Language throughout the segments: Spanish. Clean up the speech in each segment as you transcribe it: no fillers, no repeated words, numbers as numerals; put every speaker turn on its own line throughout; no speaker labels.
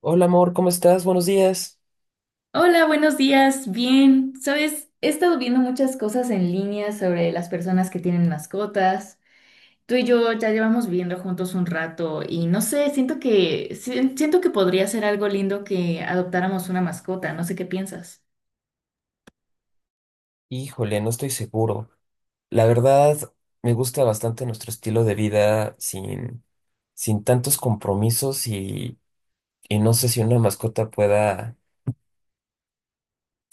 Hola, amor, ¿cómo estás? Buenos días.
Hola, buenos días. Bien, sabes, he estado viendo muchas cosas en línea sobre las personas que tienen mascotas. Tú y yo ya llevamos viviendo juntos un rato y no sé, siento que siento que podría ser algo lindo que adoptáramos una mascota. No sé qué piensas.
Híjole, no estoy seguro. La verdad, me gusta bastante nuestro estilo de vida sin tantos compromisos y no sé si una mascota pueda,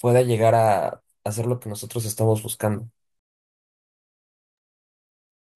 pueda llegar a hacer lo que nosotros estamos buscando.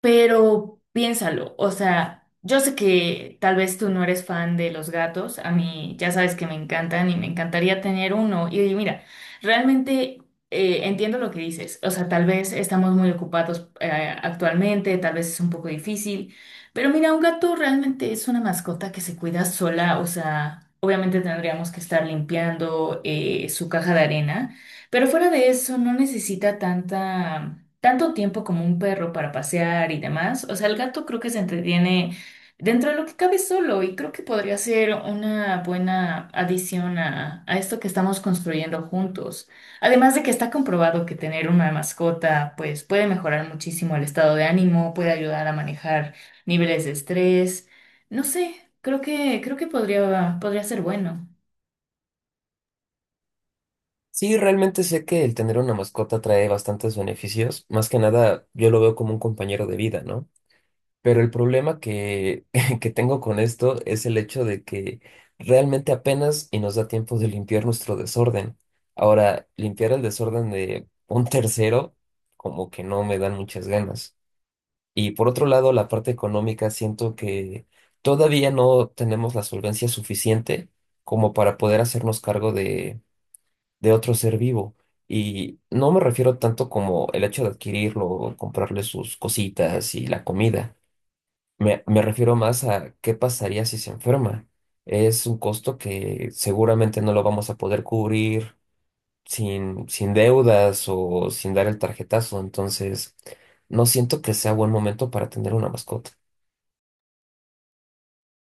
Pero piénsalo, o sea, yo sé que tal vez tú no eres fan de los gatos, a mí ya sabes que me encantan y me encantaría tener uno. Y mira, realmente entiendo lo que dices, o sea, tal vez estamos muy ocupados actualmente, tal vez es un poco difícil, pero mira, un gato realmente es una mascota que se cuida sola, o sea, obviamente tendríamos que estar limpiando su caja de arena. Pero fuera de eso, no necesita tanto tiempo como un perro para pasear y demás. O sea, el gato creo que se entretiene dentro de lo que cabe solo y creo que podría ser una buena adición a esto que estamos construyendo juntos. Además de que está comprobado que tener una mascota, pues puede mejorar muchísimo el estado de ánimo, puede ayudar a manejar niveles de estrés. No sé, creo que podría ser bueno.
Sí, realmente sé que el tener una mascota trae bastantes beneficios. Más que nada, yo lo veo como un compañero de vida, ¿no? Pero el problema que tengo con esto es el hecho de que realmente apenas y nos da tiempo de limpiar nuestro desorden. Ahora, limpiar el desorden de un tercero, como que no me dan muchas ganas. Y por otro lado, la parte económica, siento que todavía no tenemos la solvencia suficiente como para poder hacernos cargo de otro ser vivo. Y no me refiero tanto como el hecho de adquirirlo, comprarle sus cositas y la comida me refiero más a qué pasaría si se enferma. Es un costo que seguramente no lo vamos a poder cubrir sin deudas o sin dar el tarjetazo. Entonces, no siento que sea buen momento para tener una mascota.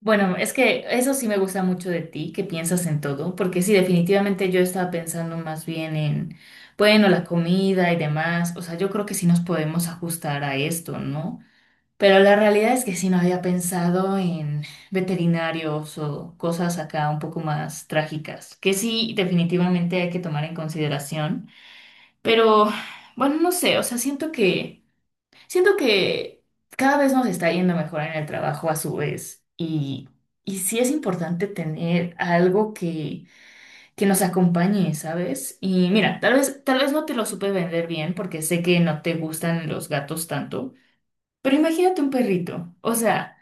Bueno, es que eso sí me gusta mucho de ti, que piensas en todo, porque sí, definitivamente yo estaba pensando más bien en, bueno, la comida y demás, o sea, yo creo que sí nos podemos ajustar a esto, ¿no? Pero la realidad es que sí no había pensado en veterinarios o cosas acá un poco más trágicas, que sí, definitivamente hay que tomar en consideración, pero bueno, no sé, o sea, siento que... Siento que cada vez nos está yendo mejor en el trabajo a su vez y sí es importante tener algo que nos acompañe, ¿sabes? Y mira, tal vez no te lo supe vender bien porque sé que no te gustan los gatos tanto, pero imagínate un perrito, o sea...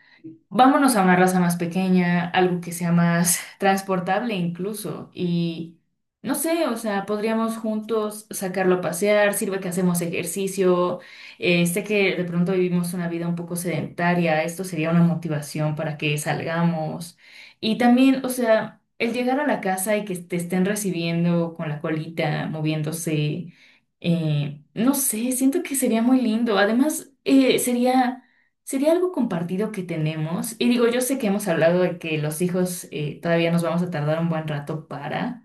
Vámonos a una raza más pequeña, algo que sea más transportable incluso. Y no sé, o sea, podríamos juntos sacarlo a pasear, sirve que hacemos ejercicio. Sé que de pronto vivimos una vida un poco sedentaria, esto sería una motivación para que salgamos. Y también, o sea, el llegar a la casa y que te estén recibiendo con la colita, moviéndose, no sé, siento que sería muy lindo. Además, sería... Sería algo compartido que tenemos. Y digo, yo sé que hemos hablado de que los hijos todavía nos vamos a tardar un buen rato para,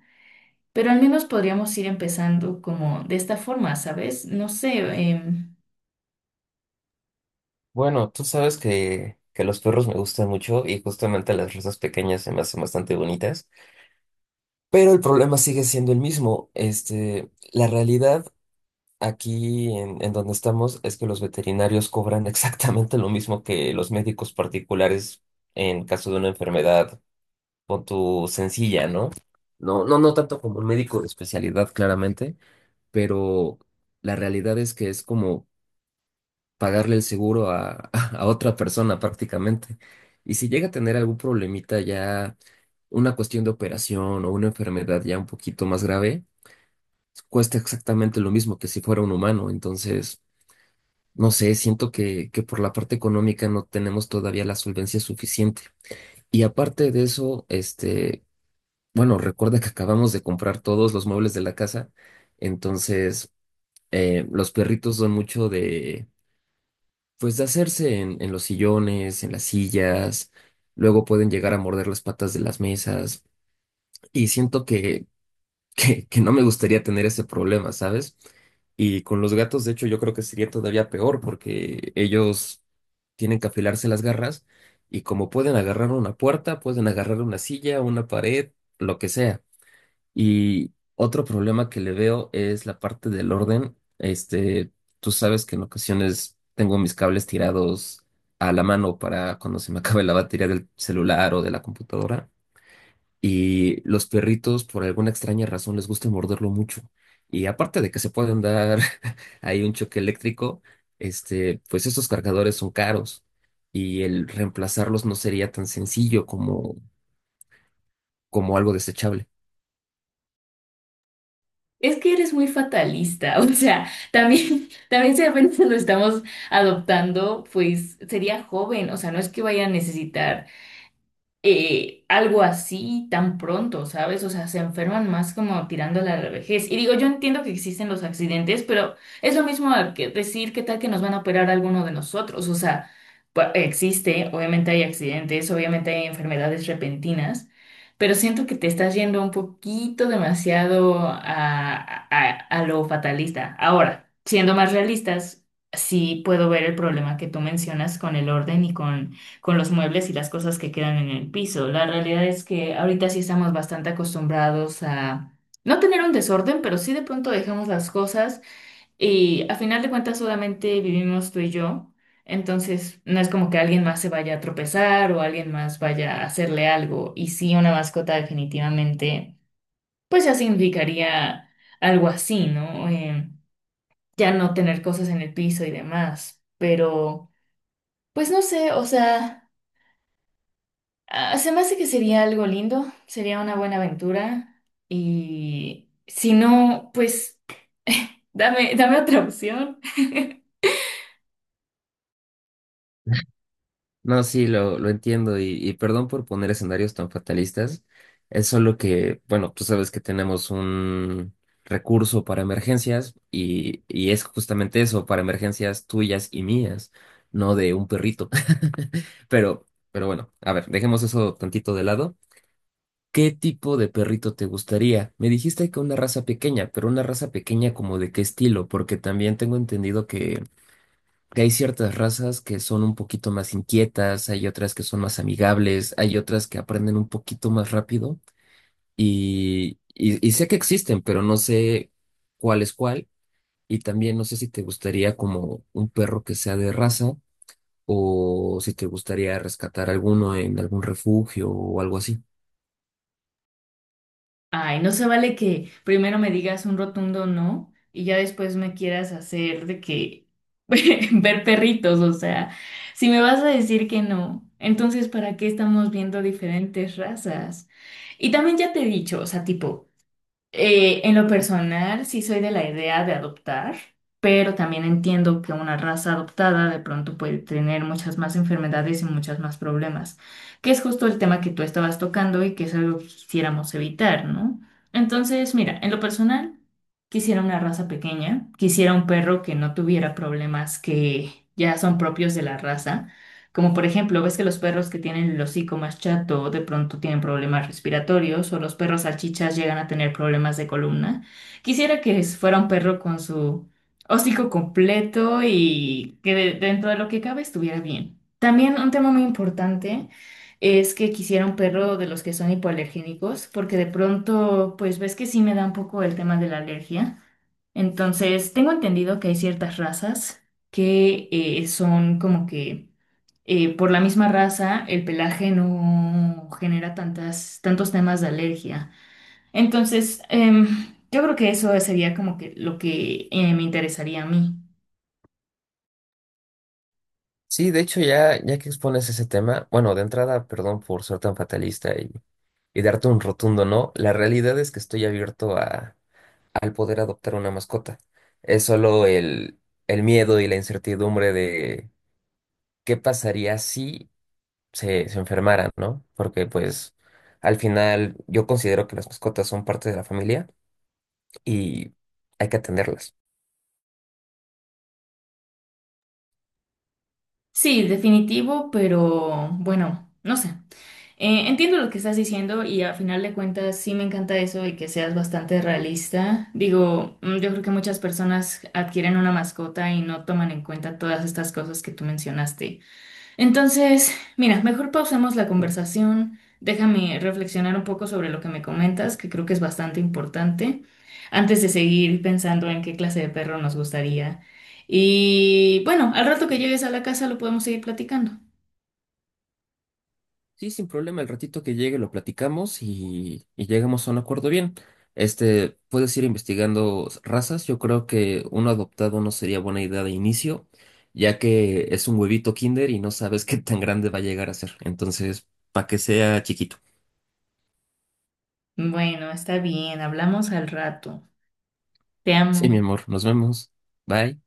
pero al menos podríamos ir empezando como de esta forma, ¿sabes? No sé, em,
Bueno, tú sabes que los perros me gustan mucho y justamente las razas pequeñas se me hacen bastante bonitas. Pero el problema sigue siendo el mismo. Este, la realidad aquí en donde estamos es que los veterinarios cobran exactamente lo mismo que los médicos particulares en caso de una enfermedad con tu sencilla, ¿no? No, no, no tanto como un médico de especialidad, claramente, pero la realidad es que es como pagarle el seguro a otra persona prácticamente. Y si llega a tener algún problemita ya, una cuestión de operación o una enfermedad ya un poquito más grave, cuesta exactamente lo mismo que si fuera un humano, entonces, no sé, siento que por la parte económica no tenemos todavía la solvencia suficiente. Y aparte de eso, este, bueno, recuerda que acabamos de comprar todos los muebles de la casa, entonces los perritos son mucho de, pues de hacerse en los sillones, en las sillas, luego pueden llegar a morder las patas de las mesas. Y siento que que no me gustaría tener ese problema, ¿sabes? Y con los gatos, de hecho, yo creo que sería todavía peor porque ellos tienen que afilarse las garras y como pueden agarrar una puerta, pueden agarrar una silla, una pared, lo que sea. Y otro problema que le veo es la parte del orden. Este, tú sabes que en ocasiones tengo mis cables tirados a la mano para cuando se me acabe la batería del celular o de la computadora. Y los perritos, por alguna extraña razón, les gusta morderlo mucho. Y aparte de que se pueden dar ahí un choque eléctrico, este, pues estos cargadores son caros y el reemplazarlos no sería tan sencillo como, como algo desechable.
es que eres muy fatalista, o sea, también si apenas lo estamos adoptando, pues sería joven, o sea, no es que vaya a necesitar. Algo así tan pronto, ¿sabes? O sea, se enferman más como tirándole a la vejez. Y digo, yo entiendo que existen los accidentes, pero es lo mismo a que decir qué tal que nos van a operar alguno de nosotros. O sea, existe, obviamente hay accidentes, obviamente hay enfermedades repentinas, pero siento que te estás yendo un poquito demasiado a lo fatalista. Ahora, siendo más realistas, sí puedo ver el problema que tú mencionas con el orden y con los muebles y las cosas que quedan en el piso. La realidad es que ahorita sí estamos bastante acostumbrados a no tener un desorden, pero sí de pronto dejamos las cosas y a final de cuentas solamente vivimos tú y yo. Entonces, no es como que alguien más se vaya a tropezar o alguien más vaya a hacerle algo. Y sí, una mascota definitivamente, pues ya significaría algo así, ¿no? Ya no tener cosas en el piso y demás. Pero, pues no sé, o sea... Ah, se me hace que sería algo lindo, sería una buena aventura y si no, pues dame otra opción.
No, sí, lo entiendo y perdón por poner escenarios tan fatalistas. Es solo que, bueno, tú sabes que tenemos un recurso para emergencias y es justamente eso, para emergencias tuyas y mías, no de un perrito. Pero, pero bueno, a ver, dejemos eso tantito de lado. ¿Qué tipo de perrito te gustaría? Me dijiste que una raza pequeña, pero una raza pequeña como de qué estilo, porque también tengo entendido que hay ciertas razas que son un poquito más inquietas, hay otras que son más amigables, hay otras que aprenden un poquito más rápido y sé que existen, pero no sé cuál es cuál y también no sé si te gustaría como un perro que sea de raza o si te gustaría rescatar alguno en algún refugio o algo así.
Ay, no se vale que primero me digas un rotundo no y ya después me quieras hacer de que ver perritos, o sea, si me vas a decir que no, entonces ¿para qué estamos viendo diferentes razas? Y también ya te he dicho, o sea, tipo... En lo personal, sí soy de la idea de adoptar, pero también entiendo que una raza adoptada de pronto puede tener muchas más enfermedades y muchas más problemas, que es justo el tema que tú estabas tocando y que es algo que quisiéramos evitar, ¿no? Entonces, mira, en lo personal, quisiera una raza pequeña, quisiera un perro que no tuviera problemas que ya son propios de la raza. Como por ejemplo, ves que los perros que tienen el hocico más chato de pronto tienen problemas respiratorios o los perros salchichas llegan a tener problemas de columna. Quisiera que fuera un perro con su hocico completo y que dentro de lo que cabe estuviera bien. También un tema muy importante es que quisiera un perro de los que son hipoalergénicos porque de pronto, pues ves que sí me da un poco el tema de la alergia. Entonces, tengo entendido que hay ciertas razas que son como que por la misma raza, el pelaje no genera tantos temas de alergia. Entonces, yo creo que eso sería como que lo que me interesaría a mí.
Sí, de hecho, ya que expones ese tema, bueno, de entrada, perdón por ser tan fatalista y darte un rotundo no, la realidad es que estoy abierto a al poder adoptar una mascota. Es solo el miedo y la incertidumbre de qué pasaría si se enfermaran, ¿no? Porque pues al final yo considero que las mascotas son parte de la familia y hay que atenderlas.
Sí, definitivo, pero bueno, no sé. Entiendo lo que estás diciendo y a final de cuentas sí me encanta eso y que seas bastante realista. Digo, yo creo que muchas personas adquieren una mascota y no toman en cuenta todas estas cosas que tú mencionaste. Entonces, mira, mejor pausemos la conversación. Déjame reflexionar un poco sobre lo que me comentas, que creo que es bastante importante, antes de seguir pensando en qué clase de perro nos gustaría. Y bueno, al rato que llegues a la casa lo podemos seguir platicando.
Sí, sin problema, el ratito que llegue lo platicamos y llegamos a un acuerdo bien. Este, puedes ir investigando razas. Yo creo que uno adoptado no sería buena idea de inicio, ya que es un huevito kinder y no sabes qué tan grande va a llegar a ser. Entonces, para que sea chiquito.
Bueno, está bien, hablamos al rato. Te
Sí,
amo.
mi amor, nos vemos. Bye.